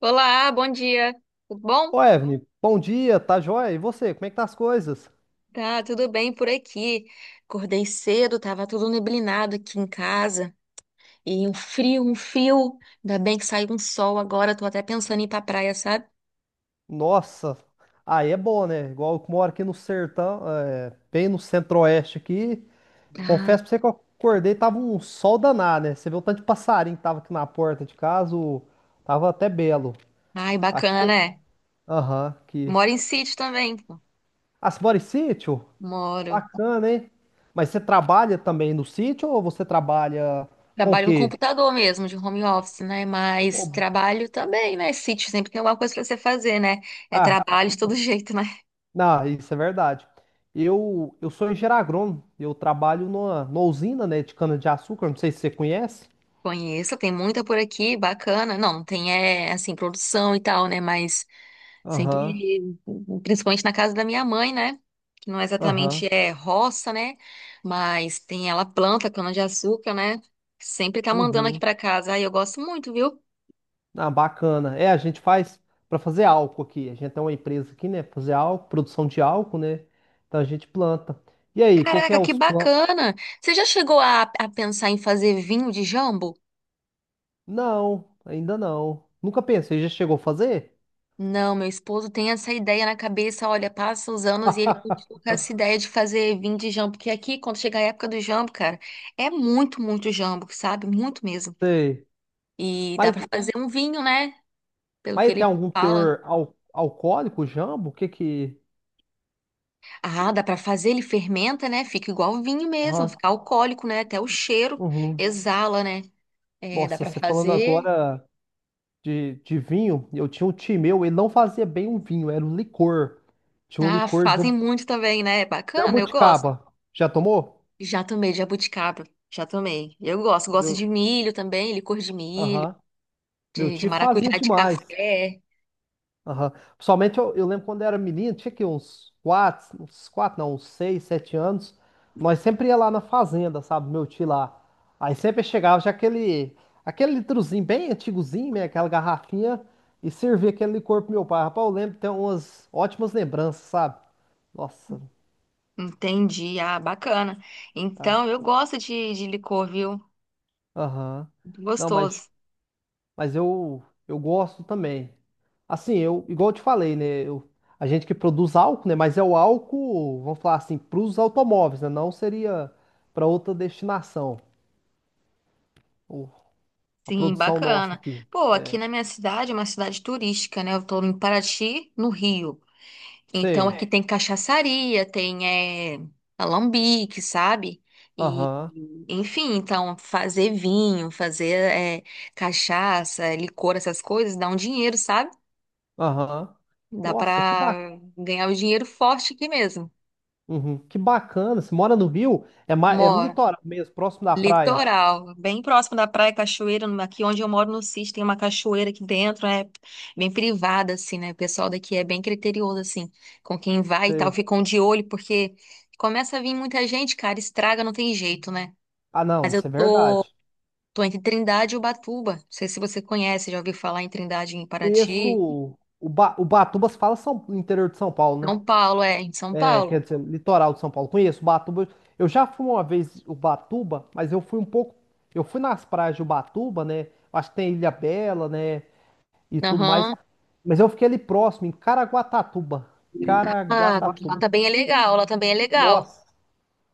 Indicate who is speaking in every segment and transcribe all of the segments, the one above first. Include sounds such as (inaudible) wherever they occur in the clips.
Speaker 1: Olá, bom dia. Tudo bom?
Speaker 2: Ô, Evelyn, bom dia, tá joia? E você, como é que tá as coisas?
Speaker 1: Tá, tudo bem por aqui. Acordei cedo, tava tudo neblinado aqui em casa. E um frio, um frio. Ainda bem que saiu um sol agora, tô até pensando em ir pra praia, sabe?
Speaker 2: Nossa, aí é bom, né? Igual eu que moro aqui no sertão, é, bem no centro-oeste aqui.
Speaker 1: Ah,
Speaker 2: Confesso pra você que eu acordei, tava um sol danado, né? Você viu o tanto de passarinho que tava aqui na porta de casa, tava até belo.
Speaker 1: ai,
Speaker 2: Aqui
Speaker 1: bacana,
Speaker 2: tem...
Speaker 1: né?
Speaker 2: Aham, aqui.
Speaker 1: Moro em sítio também, pô.
Speaker 2: Ah, você mora em sítio?
Speaker 1: Moro.
Speaker 2: Bacana, hein? Mas você trabalha também no sítio ou você trabalha com o
Speaker 1: Trabalho no
Speaker 2: quê?
Speaker 1: computador mesmo, de home office, né? Mas
Speaker 2: Ô.
Speaker 1: trabalho também, né? Sítio sempre tem alguma coisa pra você fazer, né? É
Speaker 2: Ah.
Speaker 1: trabalho de todo (laughs) jeito, né?
Speaker 2: Não, isso é verdade. Eu sou engenheiro agrônomo, eu trabalho numa, usina, né, de cana-de-açúcar, não sei se você conhece.
Speaker 1: Conheço, tem muita por aqui, bacana. Não, não tem, assim, produção e tal, né? Mas
Speaker 2: Aham,
Speaker 1: sempre, principalmente na casa da minha mãe, né? Que não
Speaker 2: aham,
Speaker 1: exatamente é roça, né? Mas tem ela planta cana-de-açúcar, né? Sempre tá mandando aqui
Speaker 2: uhum.
Speaker 1: pra casa. Ai, eu gosto muito, viu?
Speaker 2: Ah, bacana. É, a gente faz para fazer álcool aqui. A gente tem uma empresa aqui, né, pra fazer álcool, produção de álcool, né? Então a gente planta. E aí, o que que é
Speaker 1: Caraca, que
Speaker 2: os planos?
Speaker 1: bacana! Você já chegou a pensar em fazer vinho de jambo?
Speaker 2: Não, ainda não. Nunca pensei, já chegou a fazer?
Speaker 1: Não, meu esposo tem essa ideia na cabeça. Olha, passa os anos e ele
Speaker 2: (laughs)
Speaker 1: continua com essa ideia de fazer vinho de jambo. Porque aqui, quando chega a época do jambo, cara, é muito, muito jambo, sabe? Muito mesmo.
Speaker 2: Sei.
Speaker 1: E dá
Speaker 2: Mas,
Speaker 1: pra fazer um vinho, né? Pelo que
Speaker 2: mas tem
Speaker 1: ele
Speaker 2: algum
Speaker 1: fala.
Speaker 2: teor alcoólico, jambo? O que que...
Speaker 1: Ah, dá pra fazer, ele fermenta, né? Fica igual vinho mesmo,
Speaker 2: Aham,
Speaker 1: fica alcoólico, né? Até o cheiro
Speaker 2: uhum.
Speaker 1: exala, né? É, dá
Speaker 2: Nossa,
Speaker 1: pra
Speaker 2: você falando
Speaker 1: fazer.
Speaker 2: agora de, vinho, eu tinha um tio meu, ele não fazia bem um vinho, era um licor. Tinha um
Speaker 1: Ah,
Speaker 2: licor de
Speaker 1: fazem muito também, né? É, bacana, eu gosto.
Speaker 2: jabuticaba. Já tomou?
Speaker 1: Já tomei de jabuticaba, já tomei. Eu gosto, gosto de
Speaker 2: Meu,
Speaker 1: milho também, licor de milho,
Speaker 2: aham. Meu
Speaker 1: de
Speaker 2: tio fazia
Speaker 1: maracujá de
Speaker 2: demais.
Speaker 1: café.
Speaker 2: Aham. Principalmente eu lembro quando eu era menino, tinha aqui uns quatro, não, uns seis, 7 anos. Nós sempre ia lá na fazenda, sabe? Meu tio lá. Aí sempre chegava já aquele litrozinho bem antigozinho, né? Aquela garrafinha, e servia aquele licor pro meu pai. Rapaz, eu lembro, tem umas ótimas lembranças, sabe? Nossa,
Speaker 1: Entendi, ah, bacana.
Speaker 2: cara.
Speaker 1: Então, eu gosto de licor, viu?
Speaker 2: Aham.
Speaker 1: Muito
Speaker 2: Não,
Speaker 1: gostoso.
Speaker 2: mas eu gosto também. Assim, eu, igual eu te falei, né? A gente que produz álcool, né? Mas é o álcool, vamos falar assim, para os automóveis, né? Não seria para outra destinação, o- a
Speaker 1: Sim,
Speaker 2: produção nossa
Speaker 1: bacana.
Speaker 2: aqui.
Speaker 1: Pô, aqui na minha cidade, é uma cidade turística, né? Eu tô em Paraty, no Rio. Então
Speaker 2: Sei.
Speaker 1: aqui tem cachaçaria, tem alambique, sabe?
Speaker 2: Aham,
Speaker 1: Enfim, então fazer vinho, fazer cachaça, licor, essas coisas, dá um dinheiro, sabe?
Speaker 2: aham.
Speaker 1: Dá
Speaker 2: Nossa, que bacana.
Speaker 1: pra ganhar o dinheiro forte aqui mesmo.
Speaker 2: Que bacana. Você mora no Rio? É, é no
Speaker 1: Moro.
Speaker 2: litoral mesmo, próximo da praia.
Speaker 1: Litoral, bem próximo da praia, cachoeira, aqui onde eu moro no Cis, tem uma cachoeira aqui dentro, é bem privada, assim, né? O pessoal daqui é bem criterioso, assim, com quem vai e tal,
Speaker 2: Sei.
Speaker 1: ficam de olho, porque começa a vir muita gente, cara, estraga, não tem jeito, né?
Speaker 2: Ah, não,
Speaker 1: Mas eu
Speaker 2: isso é
Speaker 1: tô,
Speaker 2: verdade.
Speaker 1: tô entre Trindade e Ubatuba, não sei se você conhece, já ouviu falar em Trindade, em
Speaker 2: Conheço
Speaker 1: Paraty,
Speaker 2: o Batuba, se fala São... interior de São Paulo, né?
Speaker 1: São Paulo, em São
Speaker 2: É, quer
Speaker 1: Paulo.
Speaker 2: dizer, litoral de São Paulo. Conheço Ubatuba. Eu já fui uma vez Ubatuba, mas eu fui um pouco. Eu fui nas praias de Ubatuba, né? Acho que tem Ilha Bela, né? E tudo mais.
Speaker 1: Aham,
Speaker 2: Mas eu fiquei ali próximo, em Caraguatatuba.
Speaker 1: ah, lá
Speaker 2: Caraguatatuba.
Speaker 1: também é legal, lá também é legal.
Speaker 2: Nossa,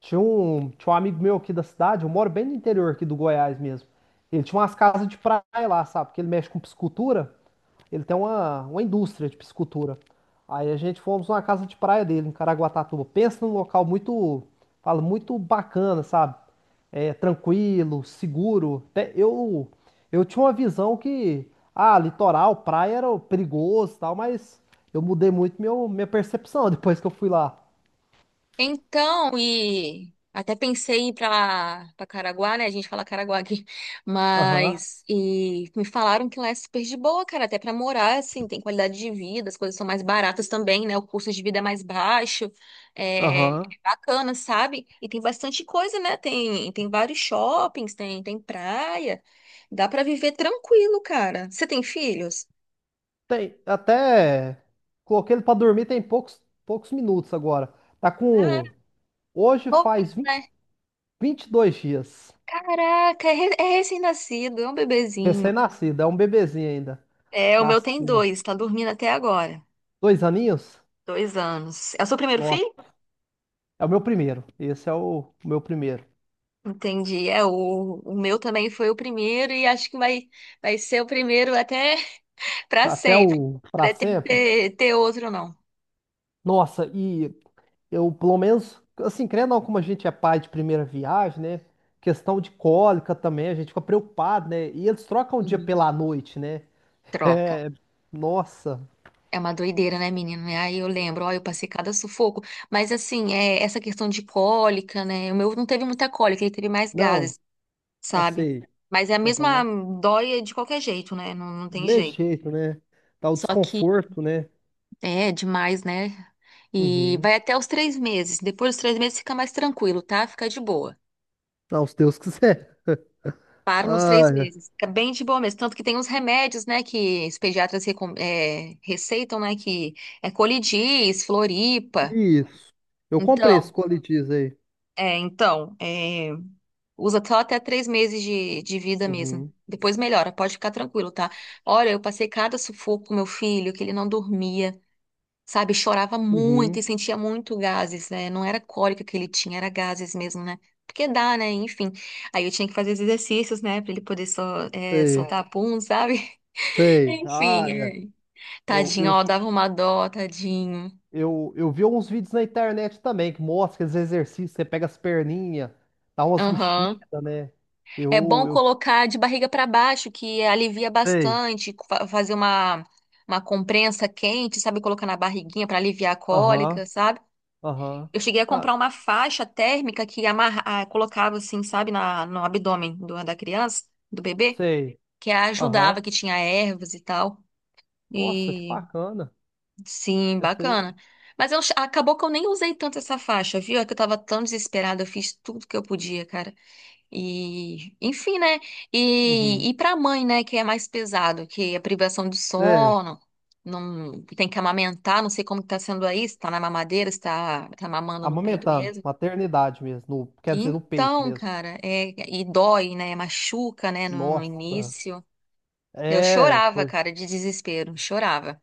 Speaker 2: tinha um amigo meu aqui da cidade. Eu moro bem no interior aqui do Goiás mesmo. Ele tinha umas casas de praia lá, sabe? Porque ele mexe com piscicultura. Ele tem uma, indústria de piscicultura. Aí a gente fomos numa casa de praia dele, em Caraguatatuba. Pensa num local muito, fala, muito bacana, sabe? É, tranquilo, seguro. Até eu tinha uma visão que, ah, litoral, praia era perigoso e tal, mas eu mudei muito meu, minha percepção (laughs) depois que eu fui lá.
Speaker 1: Então, e até pensei em ir pra Caraguá, né? A gente fala Caraguá aqui. (laughs)
Speaker 2: Aham,
Speaker 1: Mas, e me falaram que lá é super de boa, cara. Até pra morar, assim, tem qualidade de vida, as coisas são mais baratas também, né? O custo de vida é mais baixo. É, é
Speaker 2: aham.
Speaker 1: bacana, sabe? E tem bastante coisa, né? Tem vários shoppings, tem praia. Dá pra viver tranquilo, cara. Você tem filhos?
Speaker 2: Tem, até coloquei ele pra dormir tem poucos, poucos minutos agora. Tá
Speaker 1: Ah,
Speaker 2: com, Hoje
Speaker 1: novinho,
Speaker 2: faz vinte
Speaker 1: né?
Speaker 2: vinte e dois dias.
Speaker 1: Caraca, é recém-nascido, é um bebezinho.
Speaker 2: Recém-nascido, é um bebezinho ainda.
Speaker 1: É, o meu tem
Speaker 2: Nasceu
Speaker 1: dois, tá dormindo até agora.
Speaker 2: 2 aninhos?
Speaker 1: 2 anos. É o seu primeiro filho?
Speaker 2: Nossa, é o meu primeiro. Esse é o meu primeiro.
Speaker 1: Entendi. É, o meu também foi o primeiro e acho que vai ser o primeiro até (laughs) pra
Speaker 2: Até
Speaker 1: sempre.
Speaker 2: o pra
Speaker 1: Pretendo
Speaker 2: sempre.
Speaker 1: ter outro, não.
Speaker 2: Nossa, e eu, pelo menos, assim, querendo ou não, como a gente é pai de primeira viagem, né? Questão de cólica também, a gente fica preocupado, né? E eles trocam o dia
Speaker 1: Uhum.
Speaker 2: pela noite, né?
Speaker 1: Troca.
Speaker 2: É, nossa.
Speaker 1: É uma doideira, né, menino? Aí eu lembro, ó, eu passei cada sufoco. Mas assim, essa questão de cólica, né? O meu não teve muita cólica, ele teve mais
Speaker 2: Não,
Speaker 1: gases, sabe?
Speaker 2: assim,
Speaker 1: Mas é a mesma
Speaker 2: aham.
Speaker 1: dói de qualquer jeito, né? Não, não
Speaker 2: Do
Speaker 1: tem
Speaker 2: mesmo
Speaker 1: jeito.
Speaker 2: jeito, né? Dá o
Speaker 1: Só que
Speaker 2: desconforto, né?
Speaker 1: é demais, né? E
Speaker 2: Uhum.
Speaker 1: vai até os 3 meses. Depois dos 3 meses fica mais tranquilo, tá? Fica de boa.
Speaker 2: Não, se Deus quiser. (laughs)
Speaker 1: Para nos três
Speaker 2: ah
Speaker 1: meses. Fica bem de boa mesmo. Tanto que tem uns remédios, né? Que os pediatras receitam, né? Que é colidis, floripa.
Speaker 2: Isso. Eu comprei esse
Speaker 1: Então,
Speaker 2: coletiz aí.
Speaker 1: então, usa só até 3 meses de vida mesmo.
Speaker 2: Uhum.
Speaker 1: Depois melhora, pode ficar tranquilo, tá? Olha, eu passei cada sufoco com meu filho, que ele não dormia, sabe? Chorava muito e
Speaker 2: Uhum.
Speaker 1: sentia muito gases, né? Não era cólica que ele tinha, era gases mesmo, né? Porque dá, né? Enfim. Aí eu tinha que fazer os exercícios, né? Pra ele poder
Speaker 2: Sei.
Speaker 1: soltar pum, sabe? (laughs)
Speaker 2: Sei. Ah,
Speaker 1: Enfim.
Speaker 2: é. Eu,
Speaker 1: Tadinho,
Speaker 2: eu,
Speaker 1: ó, dava uma dó, tadinho.
Speaker 2: eu vi uns vídeos na internet também que mostra esses exercícios. Você pega as perninhas, dá umas mexidas,
Speaker 1: Aham.
Speaker 2: né?
Speaker 1: É
Speaker 2: Eu,
Speaker 1: bom
Speaker 2: eu
Speaker 1: colocar de barriga pra baixo, que alivia
Speaker 2: sei.
Speaker 1: bastante, fazer uma comprensa quente, sabe? Colocar na barriguinha pra aliviar a
Speaker 2: Aham.
Speaker 1: cólica, sabe?
Speaker 2: Aham.
Speaker 1: Eu cheguei a
Speaker 2: Ah,
Speaker 1: comprar uma faixa térmica que amarra, ah, colocava assim, sabe, no abdômen da criança, do bebê,
Speaker 2: sei.
Speaker 1: que
Speaker 2: Aham.
Speaker 1: ajudava, que tinha ervas e tal.
Speaker 2: Nossa, que
Speaker 1: E
Speaker 2: bacana.
Speaker 1: sim,
Speaker 2: Essa aí.
Speaker 1: bacana. Mas acabou que eu nem usei tanto essa faixa, viu? É que eu tava tão desesperada, eu fiz tudo que eu podia, cara. E, enfim, né?
Speaker 2: Uhum.
Speaker 1: E pra mãe, né, que é mais pesado, que é a privação do
Speaker 2: É.
Speaker 1: sono, não tem que amamentar, não sei como que tá sendo aí, se tá na mamadeira, se tá mamando no peito
Speaker 2: Amamentando.
Speaker 1: mesmo.
Speaker 2: Maternidade mesmo. Quer dizer, no peito
Speaker 1: Então,
Speaker 2: mesmo.
Speaker 1: cara, e dói, né? Machuca, né? No
Speaker 2: Nossa.
Speaker 1: início. Eu
Speaker 2: É,
Speaker 1: chorava,
Speaker 2: foi.
Speaker 1: cara, de desespero, chorava.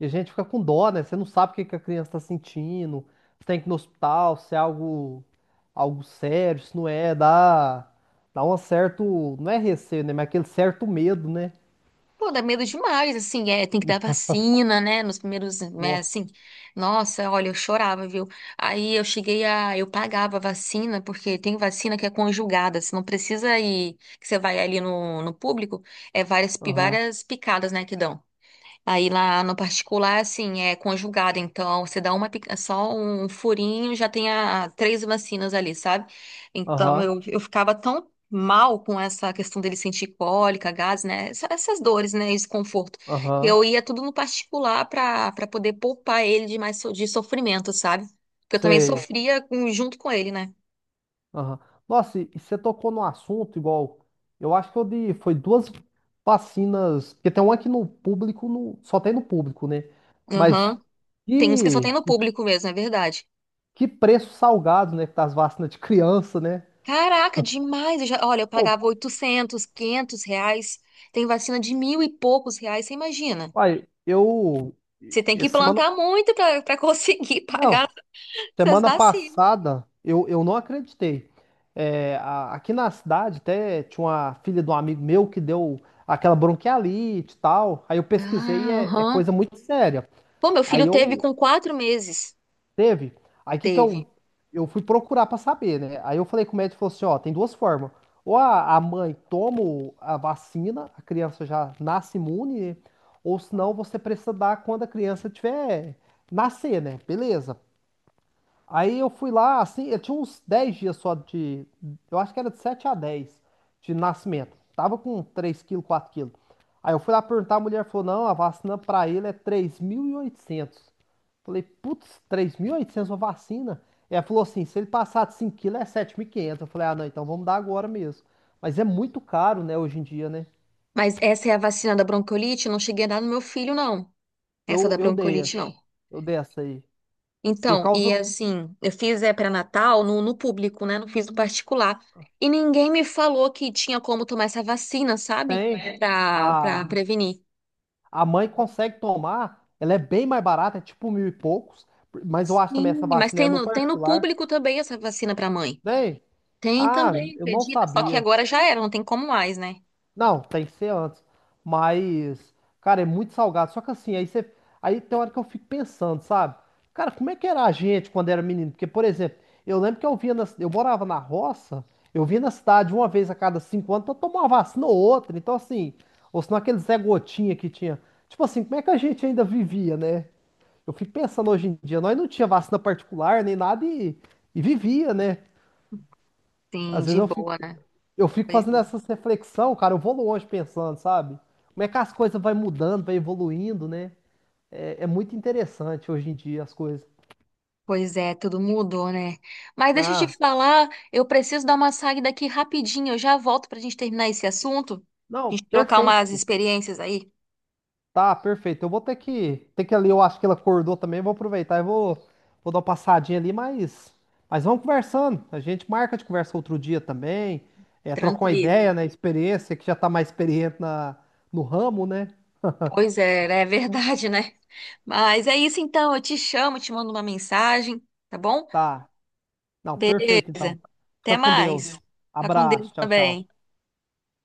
Speaker 2: E a gente fica com dó, né? Você não sabe o que que a criança tá sentindo, se tem que ir no hospital, se é algo, sério, se não é, dá um certo, não é receio, né? Mas é aquele certo medo, né?
Speaker 1: Pô, dá medo demais, assim, tem que dar vacina, né? Nos primeiros, né, assim,
Speaker 2: Nossa.
Speaker 1: nossa, olha, eu chorava, viu? Aí eu cheguei a, eu pagava a vacina, porque tem vacina que é conjugada, você não precisa ir, que você vai ali no público, é várias,
Speaker 2: Aham,
Speaker 1: várias picadas, né, que dão. Aí lá no particular, assim, é conjugado, então você dá uma, só um furinho, já tem três vacinas ali, sabe? Então
Speaker 2: aham,
Speaker 1: eu ficava tão mal com essa questão dele sentir cólica, gases, né? Essas dores, né? Esse conforto. Que
Speaker 2: aham,
Speaker 1: eu ia tudo no particular para poder poupar ele de mais de sofrimento, sabe? Porque eu também
Speaker 2: sei.
Speaker 1: sofria junto com ele, né?
Speaker 2: Aham. Nossa, e você tocou no assunto igual, eu acho que eu dei, foi duas vacinas, porque tem uma aqui no público, no, só tem no público, né? Mas
Speaker 1: Aham. Tem uns que só tem
Speaker 2: que,
Speaker 1: no público mesmo, é verdade.
Speaker 2: que preço salgado, né? Que tá as vacinas de criança, né?
Speaker 1: Caraca, demais! Eu já, olha, eu
Speaker 2: Pô.
Speaker 1: pagava 800, R$ 500. Tem vacina de mil e poucos reais, você imagina?
Speaker 2: Uai, eu.
Speaker 1: Você tem que
Speaker 2: Semana.
Speaker 1: plantar muito para conseguir (laughs)
Speaker 2: Não,
Speaker 1: pagar essas
Speaker 2: semana
Speaker 1: vacinas.
Speaker 2: passada eu não acreditei. É, aqui na cidade até tinha uma filha de um amigo meu que deu aquela bronquialite e tal. Aí eu pesquisei,
Speaker 1: Ah,
Speaker 2: é,
Speaker 1: aham.
Speaker 2: coisa muito séria.
Speaker 1: Pô, meu filho
Speaker 2: Aí
Speaker 1: teve
Speaker 2: eu
Speaker 1: com 4 meses.
Speaker 2: Teve? Aí o que que
Speaker 1: Teve.
Speaker 2: eu fui procurar pra saber, né? Aí eu falei com o médico, ele falou assim, ó, tem duas formas. Ou a mãe toma a vacina, a criança já nasce imune, né? Ou senão você precisa dar quando a criança tiver nascer, né? Beleza. Aí eu fui lá, assim, eu tinha uns 10 dias só de. Eu acho que era de 7 a 10 de nascimento. Tava com 3 quilos, 4 quilos. Aí eu fui lá perguntar, a mulher falou: não, a vacina pra ele é 3.800. Falei: putz, 3.800 uma vacina? E ela falou assim: se ele passar de 5 quilos é 7.500. Eu falei: ah, não, então vamos dar agora mesmo. Mas é muito caro, né, hoje em dia, né?
Speaker 1: Mas essa é a vacina da bronquiolite? Eu não cheguei a dar no meu filho, não. Essa
Speaker 2: Eu,
Speaker 1: da
Speaker 2: eu dei,
Speaker 1: bronquiolite, não.
Speaker 2: eu dei essa aí. Por
Speaker 1: Então,
Speaker 2: causa.
Speaker 1: e assim, eu fiz é pré-natal no público, né? Não fiz no particular. E ninguém me falou que tinha como tomar essa vacina, sabe?
Speaker 2: Tem.
Speaker 1: Pra
Speaker 2: A,
Speaker 1: prevenir.
Speaker 2: A mãe consegue tomar, ela é bem mais barata, é tipo mil e poucos, mas eu acho também essa
Speaker 1: Sim, mas
Speaker 2: vacina é
Speaker 1: tem
Speaker 2: no
Speaker 1: no, tem no
Speaker 2: particular.
Speaker 1: público também essa vacina para mãe.
Speaker 2: Bem,
Speaker 1: Tem também,
Speaker 2: eu não
Speaker 1: acredita? Só que
Speaker 2: sabia.
Speaker 1: agora já era, não tem como mais, né?
Speaker 2: Não, tem que ser antes. Mas, cara, é muito salgado. Só que assim, aí você. Aí tem hora que eu fico pensando, sabe? Cara, como é que era a gente quando era menino? Porque, por exemplo, eu lembro que eu via na... eu morava na roça, eu via na cidade uma vez a cada 5 anos pra tomar uma vacina ou outra. Então, assim, ou senão aquele Zé Gotinha que tinha. Tipo assim, como é que a gente ainda vivia, né? Eu fico pensando hoje em dia, nós não tinha vacina particular nem nada e vivia, né?
Speaker 1: Sim,
Speaker 2: Às vezes
Speaker 1: de
Speaker 2: eu fico.
Speaker 1: boa, né?
Speaker 2: Eu fico fazendo essa reflexão, cara, eu vou longe pensando, sabe? Como é que as coisas vai mudando, vai evoluindo, né? É, é muito interessante hoje em dia as coisas.
Speaker 1: Pois é, tudo mudou, né? Mas deixa eu te
Speaker 2: Ah,
Speaker 1: falar, eu preciso dar uma saída aqui rapidinho, eu já volto pra gente terminar esse assunto, a
Speaker 2: não,
Speaker 1: gente trocar umas
Speaker 2: perfeito.
Speaker 1: experiências aí.
Speaker 2: Tá, perfeito. Eu vou ter que ali, eu acho que ela acordou também, vou aproveitar e vou dar uma passadinha ali, mas vamos conversando. A gente marca de conversa outro dia também, é, trocar uma ideia,
Speaker 1: Tranquilo.
Speaker 2: né? Experiência, que já tá mais experiente na, no ramo, né?
Speaker 1: Pois é, né? É verdade, né? Mas é isso então, eu te chamo, te mando uma mensagem, tá bom?
Speaker 2: Tá. Não, perfeito então.
Speaker 1: Beleza. Até
Speaker 2: Fica com Deus.
Speaker 1: mais. Fica com Deus
Speaker 2: Abraço, tchau, tchau.
Speaker 1: também.